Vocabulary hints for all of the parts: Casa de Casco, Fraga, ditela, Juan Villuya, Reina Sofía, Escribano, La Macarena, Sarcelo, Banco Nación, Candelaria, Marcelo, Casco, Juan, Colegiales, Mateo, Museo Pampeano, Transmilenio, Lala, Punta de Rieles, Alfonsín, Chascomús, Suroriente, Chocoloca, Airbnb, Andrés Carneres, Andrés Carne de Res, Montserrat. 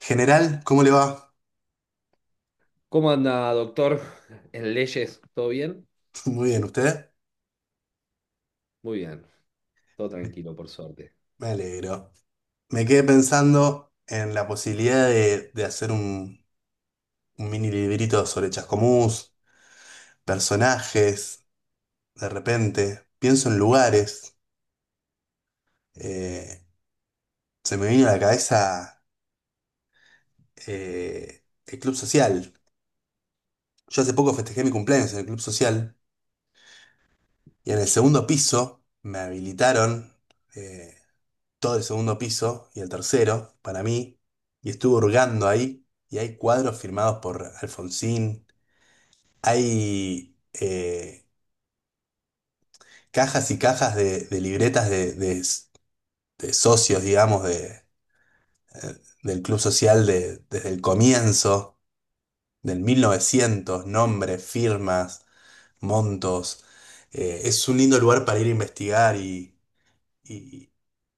General, ¿cómo le va? ¿Cómo anda, doctor? ¿En leyes? ¿Todo bien? Muy bien, ¿usted? Muy bien, todo tranquilo, por suerte. Me alegro. Me quedé pensando en la posibilidad de hacer un mini librito sobre Chascomús, personajes, de repente. Pienso en lugares. eh, Se me vino a la cabeza el Club Social. Yo hace poco festejé mi cumpleaños en el Club Social y en el segundo piso me habilitaron. eh, Todo el segundo piso y el tercero para mí, y estuve hurgando ahí, y hay cuadros firmados por Alfonsín, hay cajas y cajas de libretas de de- socios, digamos, del club social desde el comienzo, del 1900 nombres, firmas, montos. Es un lindo lugar para ir a investigar y-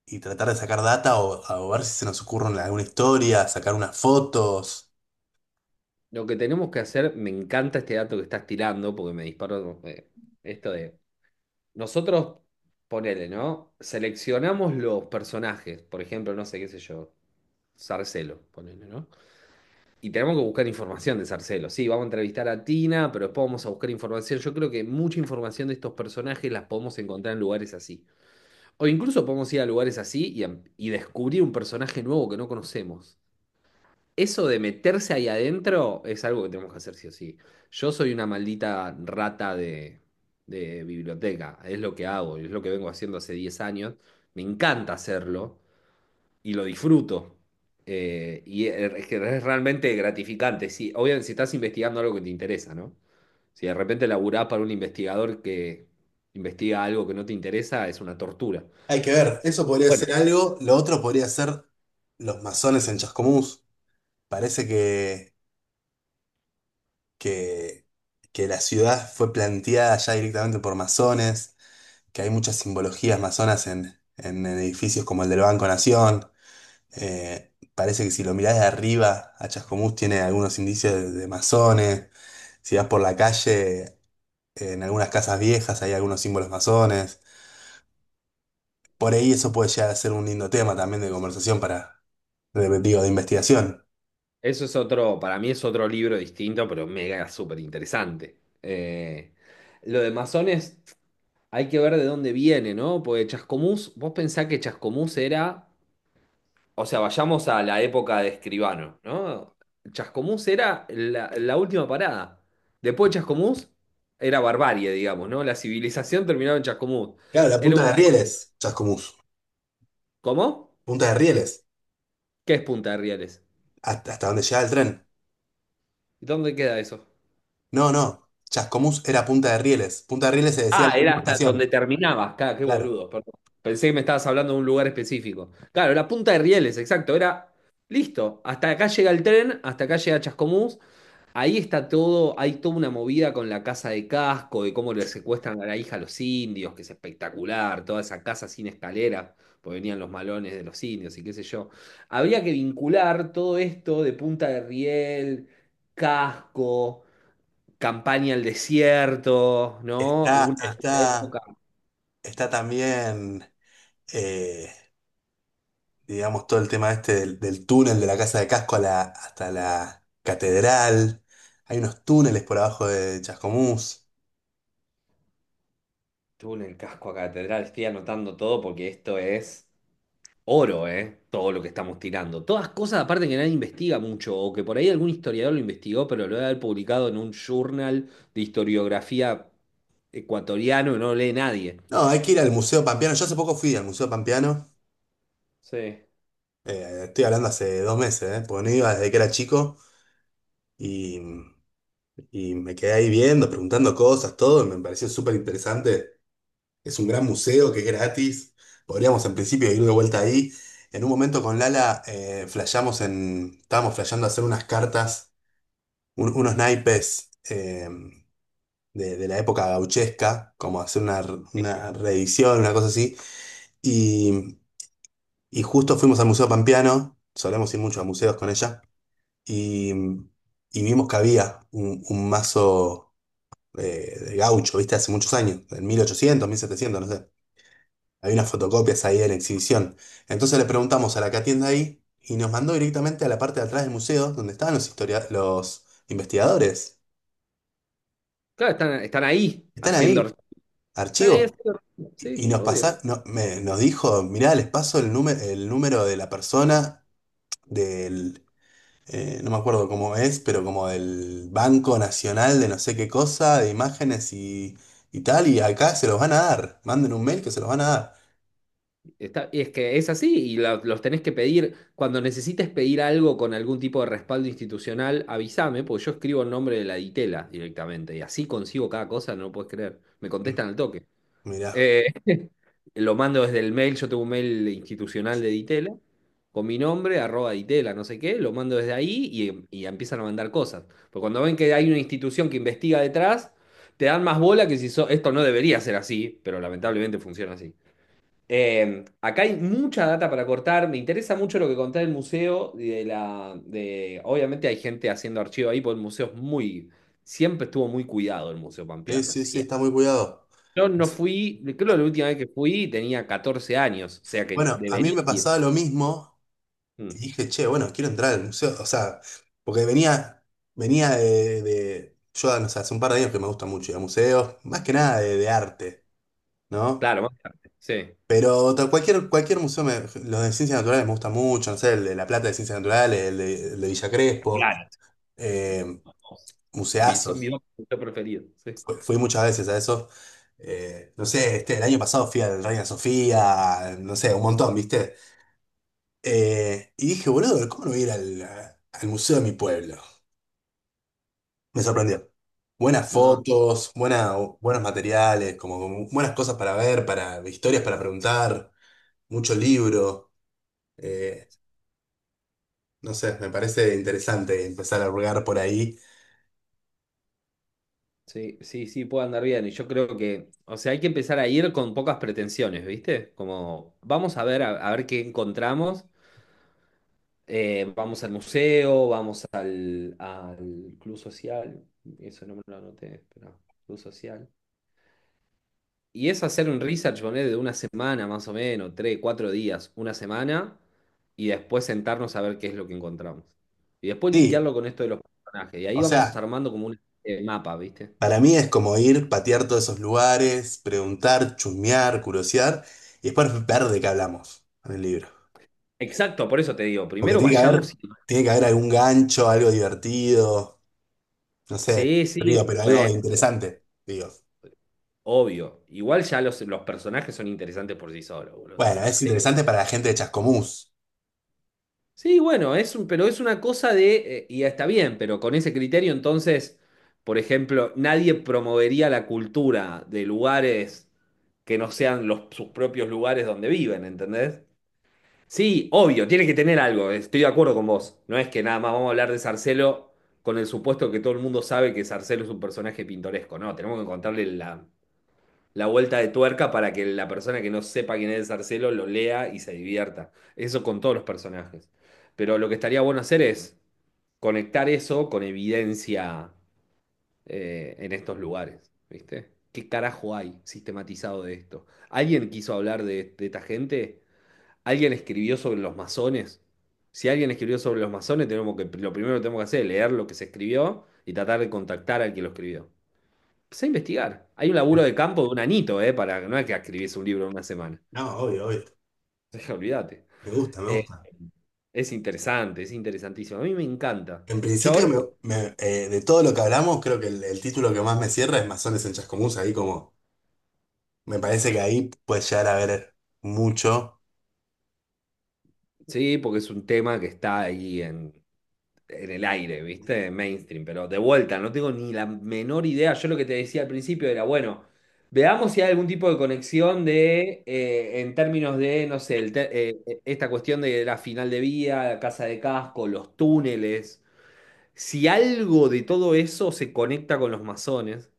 y tratar de sacar data o ver si se nos ocurre alguna historia, sacar unas fotos. Lo que tenemos que hacer, me encanta este dato que estás tirando, porque me disparó esto de... Nosotros, ponele, ¿no? Seleccionamos los personajes, por ejemplo, no sé qué sé yo, Sarcelo, ponele, ¿no? Y tenemos que buscar información de Sarcelo. Sí, vamos a entrevistar a Tina, pero después vamos a buscar información. Yo creo que mucha información de estos personajes las podemos encontrar en lugares así. O incluso podemos ir a lugares así y, y descubrir un personaje nuevo que no conocemos. Eso de meterse ahí adentro es algo que tenemos que hacer sí o sí. Yo soy una maldita rata de biblioteca, es lo que hago, es lo que vengo haciendo hace 10 años. Me encanta hacerlo y lo disfruto. Y es que es realmente gratificante. Sí, obviamente si estás investigando algo que te interesa, ¿no? Si de repente laburás para un investigador que investiga algo que no te interesa, es una tortura. Hay que ver, eso podría Bueno, ser algo, lo otro podría ser los masones en Chascomús. Parece que, que la ciudad fue planteada ya directamente por masones, que hay muchas simbologías masonas en edificios como el del Banco Nación. Parece que si lo mirás de arriba a Chascomús tiene algunos indicios de masones. Si vas por la calle, en algunas casas viejas hay algunos símbolos masones. Por ahí eso puede llegar a ser un lindo tema también de conversación para digo, de investigación. eso es otro, para mí es otro libro distinto, pero mega súper interesante. Lo de masones, hay que ver de dónde viene, ¿no? Porque Chascomús, vos pensás que Chascomús era, o sea, vayamos a la época de Escribano, ¿no? Chascomús era la última parada. Después de Chascomús era barbarie, digamos, ¿no? La civilización terminaba en Chascomús. Claro, la Era punta de un, rieles, Chascomús. ¿cómo? Punta de rieles. ¿Qué es Punta de Rieles? Hasta dónde llegaba el tren. ¿Y dónde queda eso? No, no. Chascomús era punta de rieles. Punta de rieles se decía la Ah, era última hasta donde estación. terminabas. Claro, qué Claro. boludo, perdón. Pensé que me estabas hablando de un lugar específico. Claro, la punta de Rieles, exacto. Era listo. Hasta acá llega el tren, hasta acá llega Chascomús. Ahí está todo, hay toda una movida con la casa de Casco, de cómo le secuestran a la hija a los indios, que es espectacular, toda esa casa sin escalera, porque venían los malones de los indios y qué sé yo. Habría que vincular todo esto de Punta de Riel, Casco, campaña al desierto, ¿no? Está, Una época. está, está también, eh, digamos, todo el tema este del túnel de la Casa de Casco hasta la catedral. Hay unos túneles por abajo de Chascomús. Tú en el casco a catedral, estoy anotando todo porque esto es oro, ¿eh? Todo lo que estamos tirando. Todas cosas, aparte que nadie investiga mucho, o que por ahí algún historiador lo investigó, pero lo debe haber publicado en un journal de historiografía ecuatoriano que no lee nadie. No, hay que ir al Museo Pampeano. Yo hace poco fui al Museo Pampeano. Sí. Estoy hablando hace 2 meses, ¿eh? Porque no iba desde que era chico. Y, y me quedé ahí viendo, preguntando cosas, todo, y me pareció súper interesante. Es un gran museo que es gratis. Podríamos en principio ir de vuelta ahí. En un momento con Lala flasheamos estábamos flasheando hacer unas cartas, unos naipes de la época gauchesca, como hacer una una reedición, una cosa así. Y, y justo fuimos al Museo Pampeano, solemos ir mucho a museos con ella, y vimos que había un mazo. De gaucho, ¿viste? Hace muchos años, en 1800, 1700, no sé. Hay unas fotocopias ahí en exhibición. Entonces le preguntamos a la que atiende ahí y nos mandó directamente a la parte de atrás del museo donde estaban los los investigadores. Claro, están ahí Están haciendo. ahí, Están ahí archivos. haciendo. Y Sí, nos obvio. pasa, nos dijo, mirá, les paso el número de la persona del, no me acuerdo cómo es, pero como del Banco Nacional de no sé qué cosa, de imágenes y tal, y acá se los van a dar. Manden un mail que se los van a dar. Está- y es que es así, y los tenés que pedir. Cuando necesites pedir algo con algún tipo de respaldo institucional, avísame, porque yo escribo el nombre de la ditela directamente, y así consigo cada cosa, no lo puedes creer. Me contestan al toque. Mirá, Eh, lo mando desde el mail, yo tengo un mail institucional de ditela, con mi nombre, arroba ditela, no sé qué, lo mando desde ahí y empiezan a mandar cosas. Porque cuando ven que hay una institución que investiga detrás, te dan más bola que si so- esto no debería ser así, pero lamentablemente funciona. Acá hay mucha data para cortar. Me interesa mucho lo que contá del museo. Y de la, de, obviamente hay gente haciendo archivo ahí, porque el museo es muy. Siempre estuvo muy cuidado el Museo sí, Pampeano. O sí, sí, sea, está muy cuidado. yo no fui, creo que Ah, la última vez que fui tenía 14 años, o sea que bueno, a mí debería me ir. pasaba lo mismo Mm, y dije, che, bueno, quiero entrar al museo, o sea, porque venía yo, no sé, hace un par de años que me gusta mucho ir a museos, más que nada de arte, ¿no? claro, más tarde. Sí. Pero cualquier museo, los de ciencias naturales me gustan mucho, no sé, el de La Plata de Ciencias Naturales, el de Villa Crespo, Espectacular. eh, Son mis museazos. dos museos preferidos. Sí. Fui muchas veces a eso. No sé, este, el año pasado fui al Reina Sofía, no sé, un montón, ¿viste? Y dije, boludo, ¿cómo no voy a ir al museo de mi pueblo? Me sorprendió. Buenas No. fotos, buenos materiales, como buenas cosas para ver, para historias para preguntar, mucho libro. eh, no sé, me parece interesante empezar a hurgar por ahí. Sí, sí, sí, puede andar bien. Y yo creo que, o sea, hay que empezar a ir con pocas pretensiones, ¿viste? Como, vamos a ver qué encontramos. Vamos al museo, vamos al, al club social. Eso no me lo anoté, espera, club social. Y es hacer un research, ponele, de una semana más o menos, tres, cuatro días, una semana, y después sentarnos a ver qué es lo que encontramos. Y después Sí, linkearlo con esto de los personajes. Y ahí o vamos sea. armando como un mapa, ¿viste? Para mí es como ir, patear todos esos lugares, preguntar, chusmear, curiosear y después ver de qué hablamos en el libro. Exacto, por eso te digo, Porque primero vayamos. tiene que haber algún gancho, algo divertido, no sé, Sí, sí, río, pero algo bueno, pero interesante, digo. obvio. Igual ya los personajes son interesantes por sí solos, boludo. Bueno, es Sarcelo. interesante para la gente de Chascomús. Sí, bueno, es un, pero es una cosa de, y está bien, pero con ese criterio entonces, por ejemplo, nadie promovería la cultura de lugares que no sean los, sus propios lugares donde viven, ¿entendés? Sí, obvio, tiene que tener algo, estoy de acuerdo con vos. No es que nada más vamos a hablar de Sarcelo con el supuesto que todo el mundo sabe que Sarcelo es un personaje pintoresco, no, tenemos que encontrarle la vuelta de tuerca para que la persona que no sepa quién es Marcelo lo lea y se divierta. Eso con todos los personajes. Pero lo que estaría bueno hacer es conectar eso con evidencia en estos lugares, ¿viste? ¿Qué carajo hay sistematizado de esto? ¿Alguien quiso hablar de esta gente? ¿Alguien escribió sobre los masones? Si alguien escribió sobre los masones, tenemos que, lo primero que tenemos que hacer es leer lo que se escribió y tratar de contactar al que lo escribió. Empecé a investigar. Hay un laburo de campo de un anito, ¿eh? Para, no es que escribís un libro en una semana. No, obvio, obvio. Olvídate. Me gusta, me Eh, gusta. es interesante, es interesantísimo. A mí me encanta. En Yo principio, ahora, de todo lo que hablamos, creo que el título que más me cierra es Masones en Chascomús. Ahí como, me parece que ahí puedes llegar a ver mucho. sí, porque es un tema que está ahí en el aire, ¿viste? Mainstream, pero de vuelta, no tengo ni la menor idea. Yo lo que te decía al principio era, bueno, veamos si hay algún tipo de conexión de, en términos de, no sé, esta cuestión de la final de vía, la casa de casco, los túneles. Si algo de todo eso se conecta con los masones,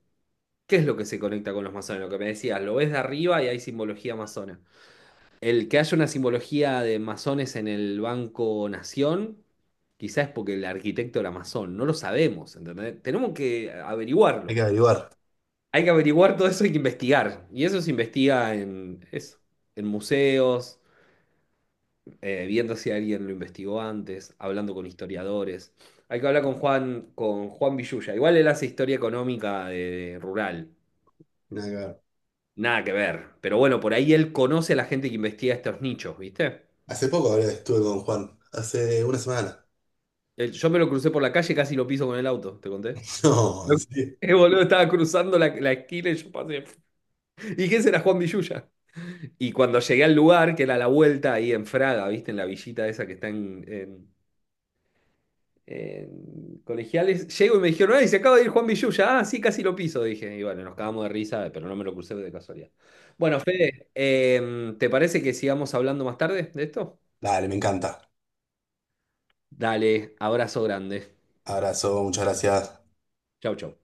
¿qué es lo que se conecta con los masones? Lo que me decías, lo ves de arriba y hay simbología masona. El que haya una simbología de masones en el Banco Nación, quizás es porque el arquitecto era masón, no lo sabemos, ¿entendés? Tenemos que Hay que averiguarlo. averiguar. Hay que averiguar todo eso, hay que investigar. Y eso se investiga en, eso, en museos, viendo si alguien lo investigó antes, hablando con historiadores. Hay que hablar con Juan Villuya. Igual él hace historia económica de- rural. Nada que ver. Nada que ver. Pero bueno, por ahí él conoce a la gente que investiga estos nichos, ¿viste? Hace poco estuve con Juan, hace una semana. Él- yo me lo crucé por la calle, casi lo piso con el auto, te conté. No, Lo- en serio. Boludo, estaba cruzando la esquina y yo pasé. Y ese será Juan Villuya. Y cuando llegué al lugar, que era la vuelta ahí en Fraga, ¿viste? En la villita esa que está en colegiales. Llego y me dijeron, ¡ay, se acaba de ir Juan Villuya! Ah, sí, casi lo piso, dije. Y bueno, nos cagamos de risa, pero no me lo crucé de casualidad. Bueno, Fede, ¿te parece que sigamos hablando más tarde de esto? Dale, me encanta. Dale, abrazo grande. Abrazo, muchas gracias. Chau, chau.